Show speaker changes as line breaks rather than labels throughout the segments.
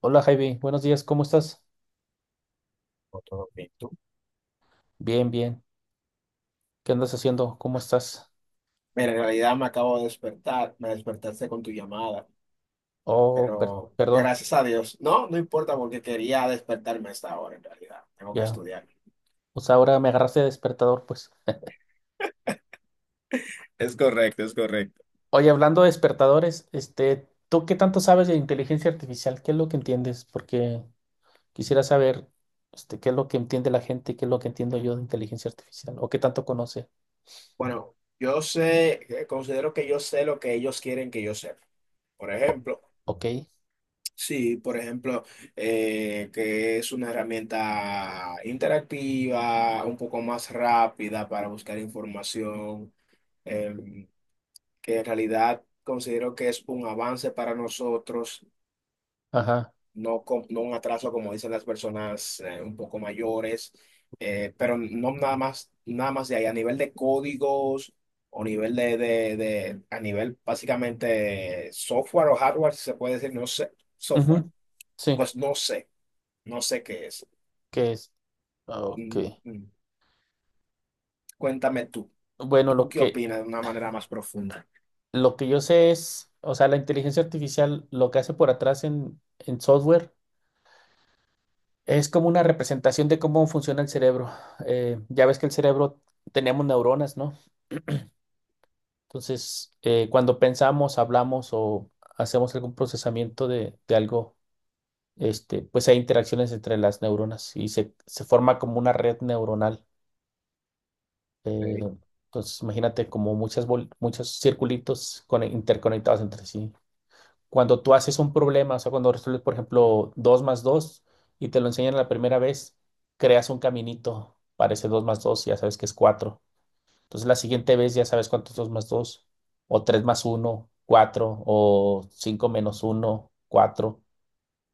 Hola Javi, buenos días, ¿cómo estás?
No, todo bien, ¿tú?
Bien, bien. ¿Qué andas haciendo? ¿Cómo estás?
Mira, en realidad me acabo de despertar, me despertaste con tu llamada,
Oh,
pero
perdón,
gracias a Dios, no, no importa porque quería despertarme a esta hora en realidad, tengo que
ya.
estudiar.
O sea, ahora me agarraste de despertador, pues.
Es correcto, es correcto.
Oye, hablando de despertadores, ¿tú qué tanto sabes de inteligencia artificial? ¿Qué es lo que entiendes? Porque quisiera saber, qué es lo que entiende la gente, qué es lo que entiendo yo de inteligencia artificial, o qué tanto conoce.
Bueno, yo sé, considero que yo sé lo que ellos quieren que yo sepa. Por
O-
ejemplo,
ok,
sí, por ejemplo, que es una herramienta interactiva, un poco más rápida para buscar información. em, que en realidad considero que es un avance para nosotros,
ajá.
no, no un atraso como dicen las personas un poco mayores, pero no nada más, nada más de ahí, a nivel de códigos o nivel a nivel básicamente software o hardware, si se puede decir, no sé, software,
Ujú. Sí,
pues no sé, no sé qué es.
¿qué es? Ok.
Mm, mm. Cuéntame tú,
Bueno,
¿tú
lo
qué
que
opinas de una manera más profunda?
Lo que yo sé es, o sea, la inteligencia artificial lo que hace por atrás en software es como una representación de cómo funciona el cerebro. Ya ves que el cerebro tenemos neuronas, ¿no? Entonces, cuando pensamos, hablamos o hacemos algún procesamiento de algo, pues hay interacciones entre las neuronas y se forma como una red neuronal. Eh, entonces, imagínate como muchos circulitos interconectados entre sí. Cuando tú haces un problema, o sea, cuando resuelves, por ejemplo, 2 más 2 y te lo enseñan la primera vez, creas un caminito para ese 2 más 2 y ya sabes que es 4. Entonces la siguiente vez ya sabes cuánto es 2 más 2 o 3 más uno, 4 o 5 menos uno, 4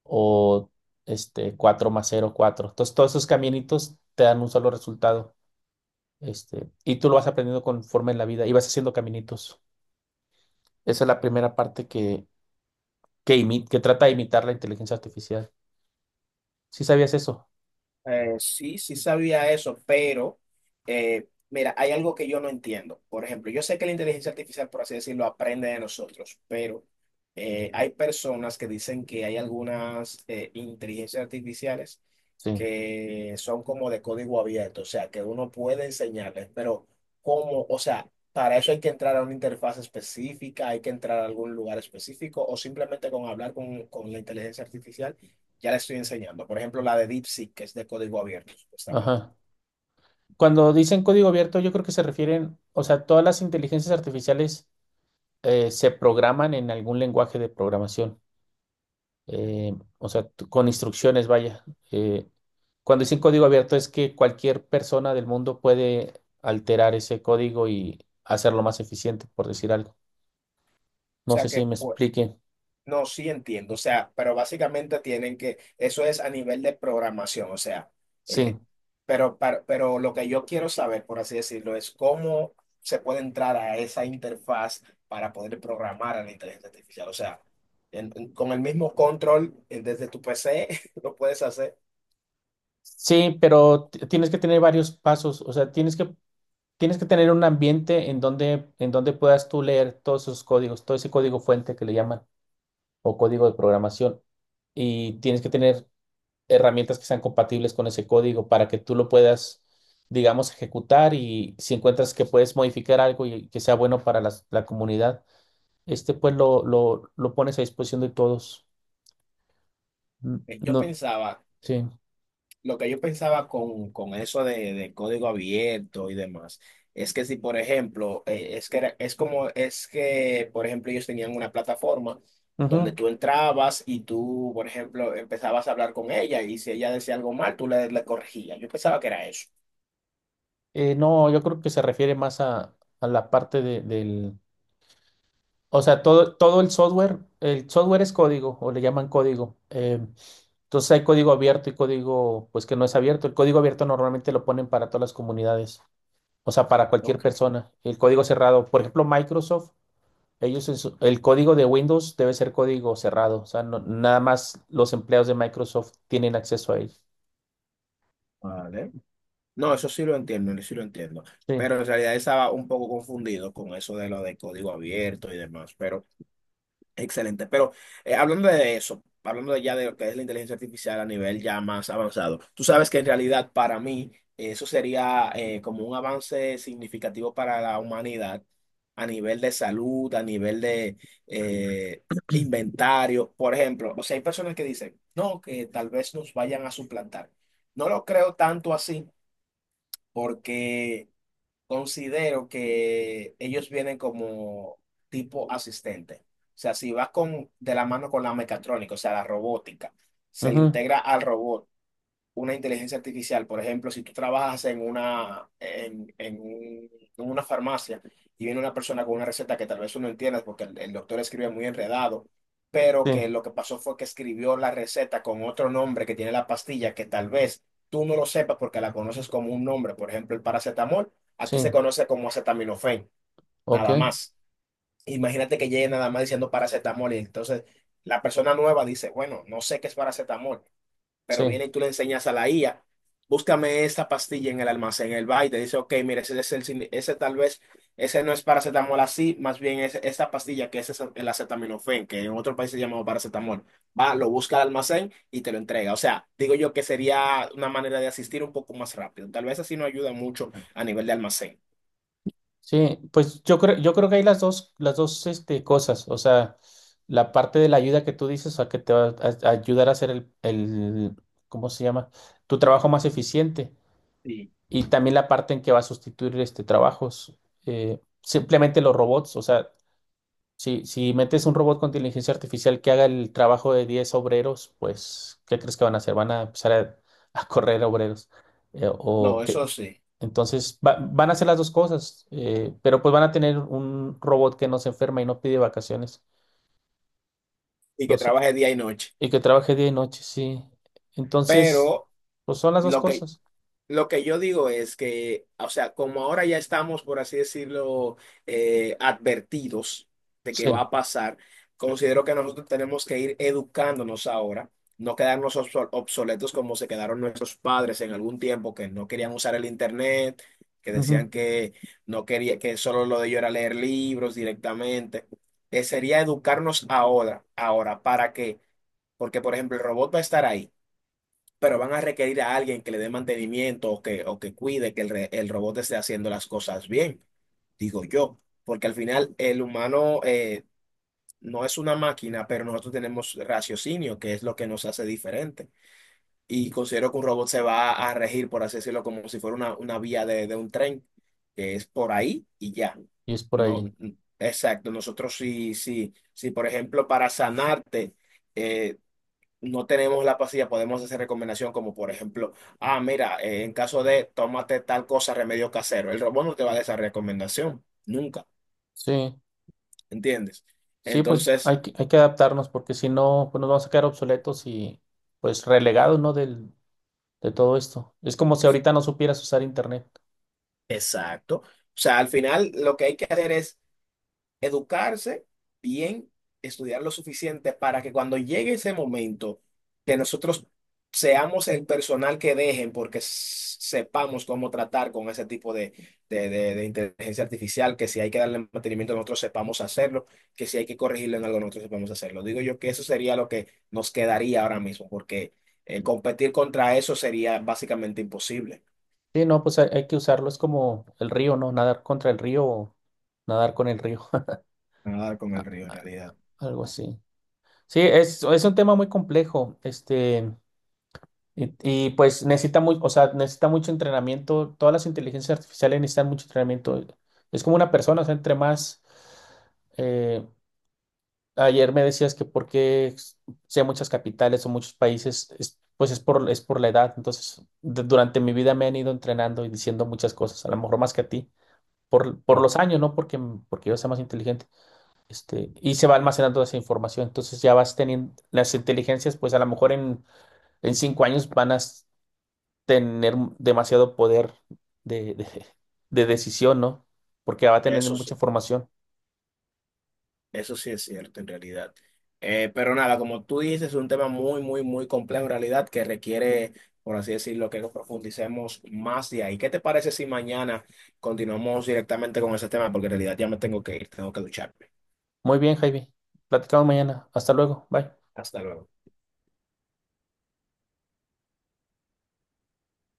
o 4 más cero, cuatro. Entonces todos esos caminitos te dan un solo resultado. Y tú lo vas aprendiendo conforme en la vida y vas haciendo caminitos. Esa es la primera parte que trata de imitar la inteligencia artificial. Sí sabías eso.
Sí, sí sabía eso, pero mira, hay algo que yo no entiendo. Por ejemplo, yo sé que la inteligencia artificial, por así decirlo, aprende de nosotros, pero hay personas que dicen que hay algunas inteligencias artificiales
Sí.
que son como de código abierto, o sea, que uno puede enseñarles, pero ¿cómo? O sea, para eso hay que entrar a una interfaz específica, hay que entrar a algún lugar específico o simplemente con hablar con la inteligencia artificial ya le estoy enseñando. Por ejemplo, la de DeepSeek, que es de código abierto, supuestamente.
Ajá. Cuando dicen código abierto, yo creo que se refieren, o sea, todas las inteligencias artificiales se programan en algún lenguaje de programación, o sea, con instrucciones, vaya. Eh, Cuando dicen código abierto es que cualquier persona del mundo puede alterar ese código y hacerlo más eficiente, por decir algo.
O
No sé
sea
si
que,
me
pues,
expliquen.
no, sí entiendo. O sea, pero básicamente tienen que, eso es a nivel de programación, o sea, eh,
Sí,
eh, pero, pero lo que yo quiero saber, por así decirlo, es cómo se puede entrar a esa interfaz para poder programar a la inteligencia artificial. O sea, con el mismo control desde tu PC lo puedes hacer.
sí, pero tienes que tener varios pasos, o sea, tienes que... Tienes que tener un ambiente en donde puedas tú leer todos esos códigos, todo ese código fuente que le llaman o código de programación. Y tienes que tener herramientas que sean compatibles con ese código para que tú lo puedas, digamos, ejecutar, y si encuentras que puedes modificar algo y que sea bueno para la comunidad, pues lo pones a disposición de todos. Mm,
Yo
no,
pensaba
sí.
Lo que yo pensaba con eso de código abierto y demás, es que si, por ejemplo, es que es como, es que, por ejemplo, ellos tenían una plataforma donde
Ujú.
tú entrabas y tú, por ejemplo, empezabas a hablar con ella y si ella decía algo mal, tú le, le corregías. Yo pensaba que era eso.
No, yo creo que se refiere más a la parte del... O sea, todo, todo el software es código, o le llaman código. Entonces hay código abierto y código, pues que no es abierto. El código abierto normalmente lo ponen para todas las comunidades, o sea, para cualquier
Ok,
persona. El código cerrado, por ejemplo, Microsoft, ellos, el código de Windows debe ser código cerrado, o sea, nada más los empleados de Microsoft tienen acceso a él.
vale. No, eso sí lo entiendo, eso sí lo entiendo.
Sí,
Pero en realidad estaba un poco confundido con eso de lo de código abierto y demás. Pero excelente, pero hablando de eso, hablando ya de lo que es la inteligencia artificial a nivel ya más avanzado, tú sabes que en realidad para mí eso sería como un avance significativo para la humanidad a nivel de salud, a nivel de eh, inventario, por ejemplo, o sea, hay personas que dicen, no, que tal vez nos vayan a suplantar. No lo creo tanto así porque... Considero que ellos vienen como tipo asistente. O sea, si vas con, de la mano con la mecatrónica, o sea, la robótica, se le
ujú.
integra al robot una inteligencia artificial. Por ejemplo, si tú trabajas en una, en, en una farmacia y viene una persona con una receta que tal vez tú no entiendes porque el doctor escribe muy enredado, pero que
Sí,
lo que pasó fue que escribió la receta con otro nombre que tiene la pastilla que tal vez tú no lo sepas porque la conoces como un nombre. Por ejemplo, el paracetamol,
sí,
aquí se conoce como acetaminofén,
ok,
nada más. Imagínate que llegue nada más diciendo paracetamol y entonces la persona nueva dice, bueno, no sé qué es paracetamol pero
sí.
viene y tú le enseñas a la IA, búscame esta pastilla en el almacén, el va y te dice, ok, mire, ese, es el ese tal vez, ese no es paracetamol así, más bien es esta pastilla que es el acetaminofén, que en otro país se llama paracetamol. Va, lo busca al almacén y te lo entrega. O sea, digo yo que sería una manera de asistir un poco más rápido. Tal vez así no ayuda mucho a nivel de almacén.
Sí, pues yo creo que hay las dos cosas. O sea, la parte de la ayuda que tú dices, o sea, que te va a ayudar a hacer ¿cómo se llama? Tu trabajo más eficiente.
Sí.
Y también la parte en que va a sustituir trabajos. Simplemente los robots. O sea, si metes un robot con inteligencia artificial que haga el trabajo de 10 obreros, pues, ¿qué crees que van a hacer? Van a empezar a correr obreros. O
No, eso sí.
entonces van a hacer las dos cosas, pero pues van a tener un robot que no se enferma y no pide vacaciones,
Y
lo
que
sé,
trabaje día y noche.
y que trabaje día y noche, sí. Entonces,
Pero...
pues son las dos
Lo que
cosas.
Lo que yo digo es que, o sea, como ahora ya estamos, por así decirlo, advertidos de que va
Sí,
a pasar, considero que nosotros tenemos que ir educándonos ahora, no quedarnos obsoletos como se quedaron nuestros padres en algún tiempo, que no querían usar el internet, que
ujú.
decían que no quería, que solo lo de ellos era leer libros directamente. Sería educarnos ahora, ahora, ¿para qué? Porque, por ejemplo, el robot va a estar ahí pero van a requerir a alguien que le dé mantenimiento o que cuide que el, el robot esté haciendo las cosas bien, digo yo, porque al final el humano no es una máquina, pero nosotros tenemos raciocinio, que es lo que nos hace diferente. Y considero que un robot se va a regir, por así decirlo, como si fuera una vía de un tren, que es por ahí y ya.
Y es por
No,
ahí.
exacto, nosotros sí, sí, sí, por ejemplo, para sanarte. eh, no tenemos la pastilla, podemos hacer recomendación como por ejemplo, ah, mira, en caso de tómate tal cosa, remedio casero. El robot no te va a dar esa recomendación, nunca,
Sí,
¿entiendes?
sí, pues
Entonces,
hay que adaptarnos porque si no, pues nos vamos a quedar obsoletos y pues relegados, ¿no? Del, de todo esto. Es como si
sí,
ahorita no supieras usar internet.
exacto. O sea, al final lo que hay que hacer es educarse bien, estudiar lo suficiente para que cuando llegue ese momento que nosotros seamos el personal que dejen porque sepamos cómo tratar con ese tipo de, de inteligencia artificial, que si hay que darle mantenimiento nosotros sepamos hacerlo, que si hay que corregirlo en algo nosotros sepamos hacerlo. Digo yo que eso sería lo que nos quedaría ahora mismo porque competir contra eso sería básicamente imposible.
Sí, no, pues hay que usarlo. Es como el río, ¿no? Nadar contra el río o nadar con el río,
Nadar con el río en realidad.
algo así. Sí, es un tema muy complejo, y, pues necesita muy, o sea, necesita mucho entrenamiento, todas las inteligencias artificiales necesitan mucho entrenamiento. Es como una persona, o sea, entre más, eh, ayer me decías que por qué sé muchas capitales o muchos países, pues es por la edad. Entonces, durante mi vida me han ido entrenando y diciendo muchas cosas, a lo mejor más que a ti, por
Claro.
los años, ¿no? Porque, porque yo sea más inteligente. Este, y se va almacenando esa información. Entonces ya vas teniendo las inteligencias, pues a lo mejor en 5 años van tener demasiado poder de, de- de decisión, ¿no? Porque va a tener
Eso sí.
mucha información.
Eso sí es cierto, en realidad. Pero nada, como tú dices, es un tema muy, muy, muy complejo en realidad que requiere, por así decirlo, que profundicemos más de ahí. ¿Qué te parece si mañana continuamos directamente con ese tema? Porque en realidad ya me tengo que ir, tengo que ducharme.
Muy bien, Jaime. Platicamos mañana. Hasta luego. Bye.
Hasta luego.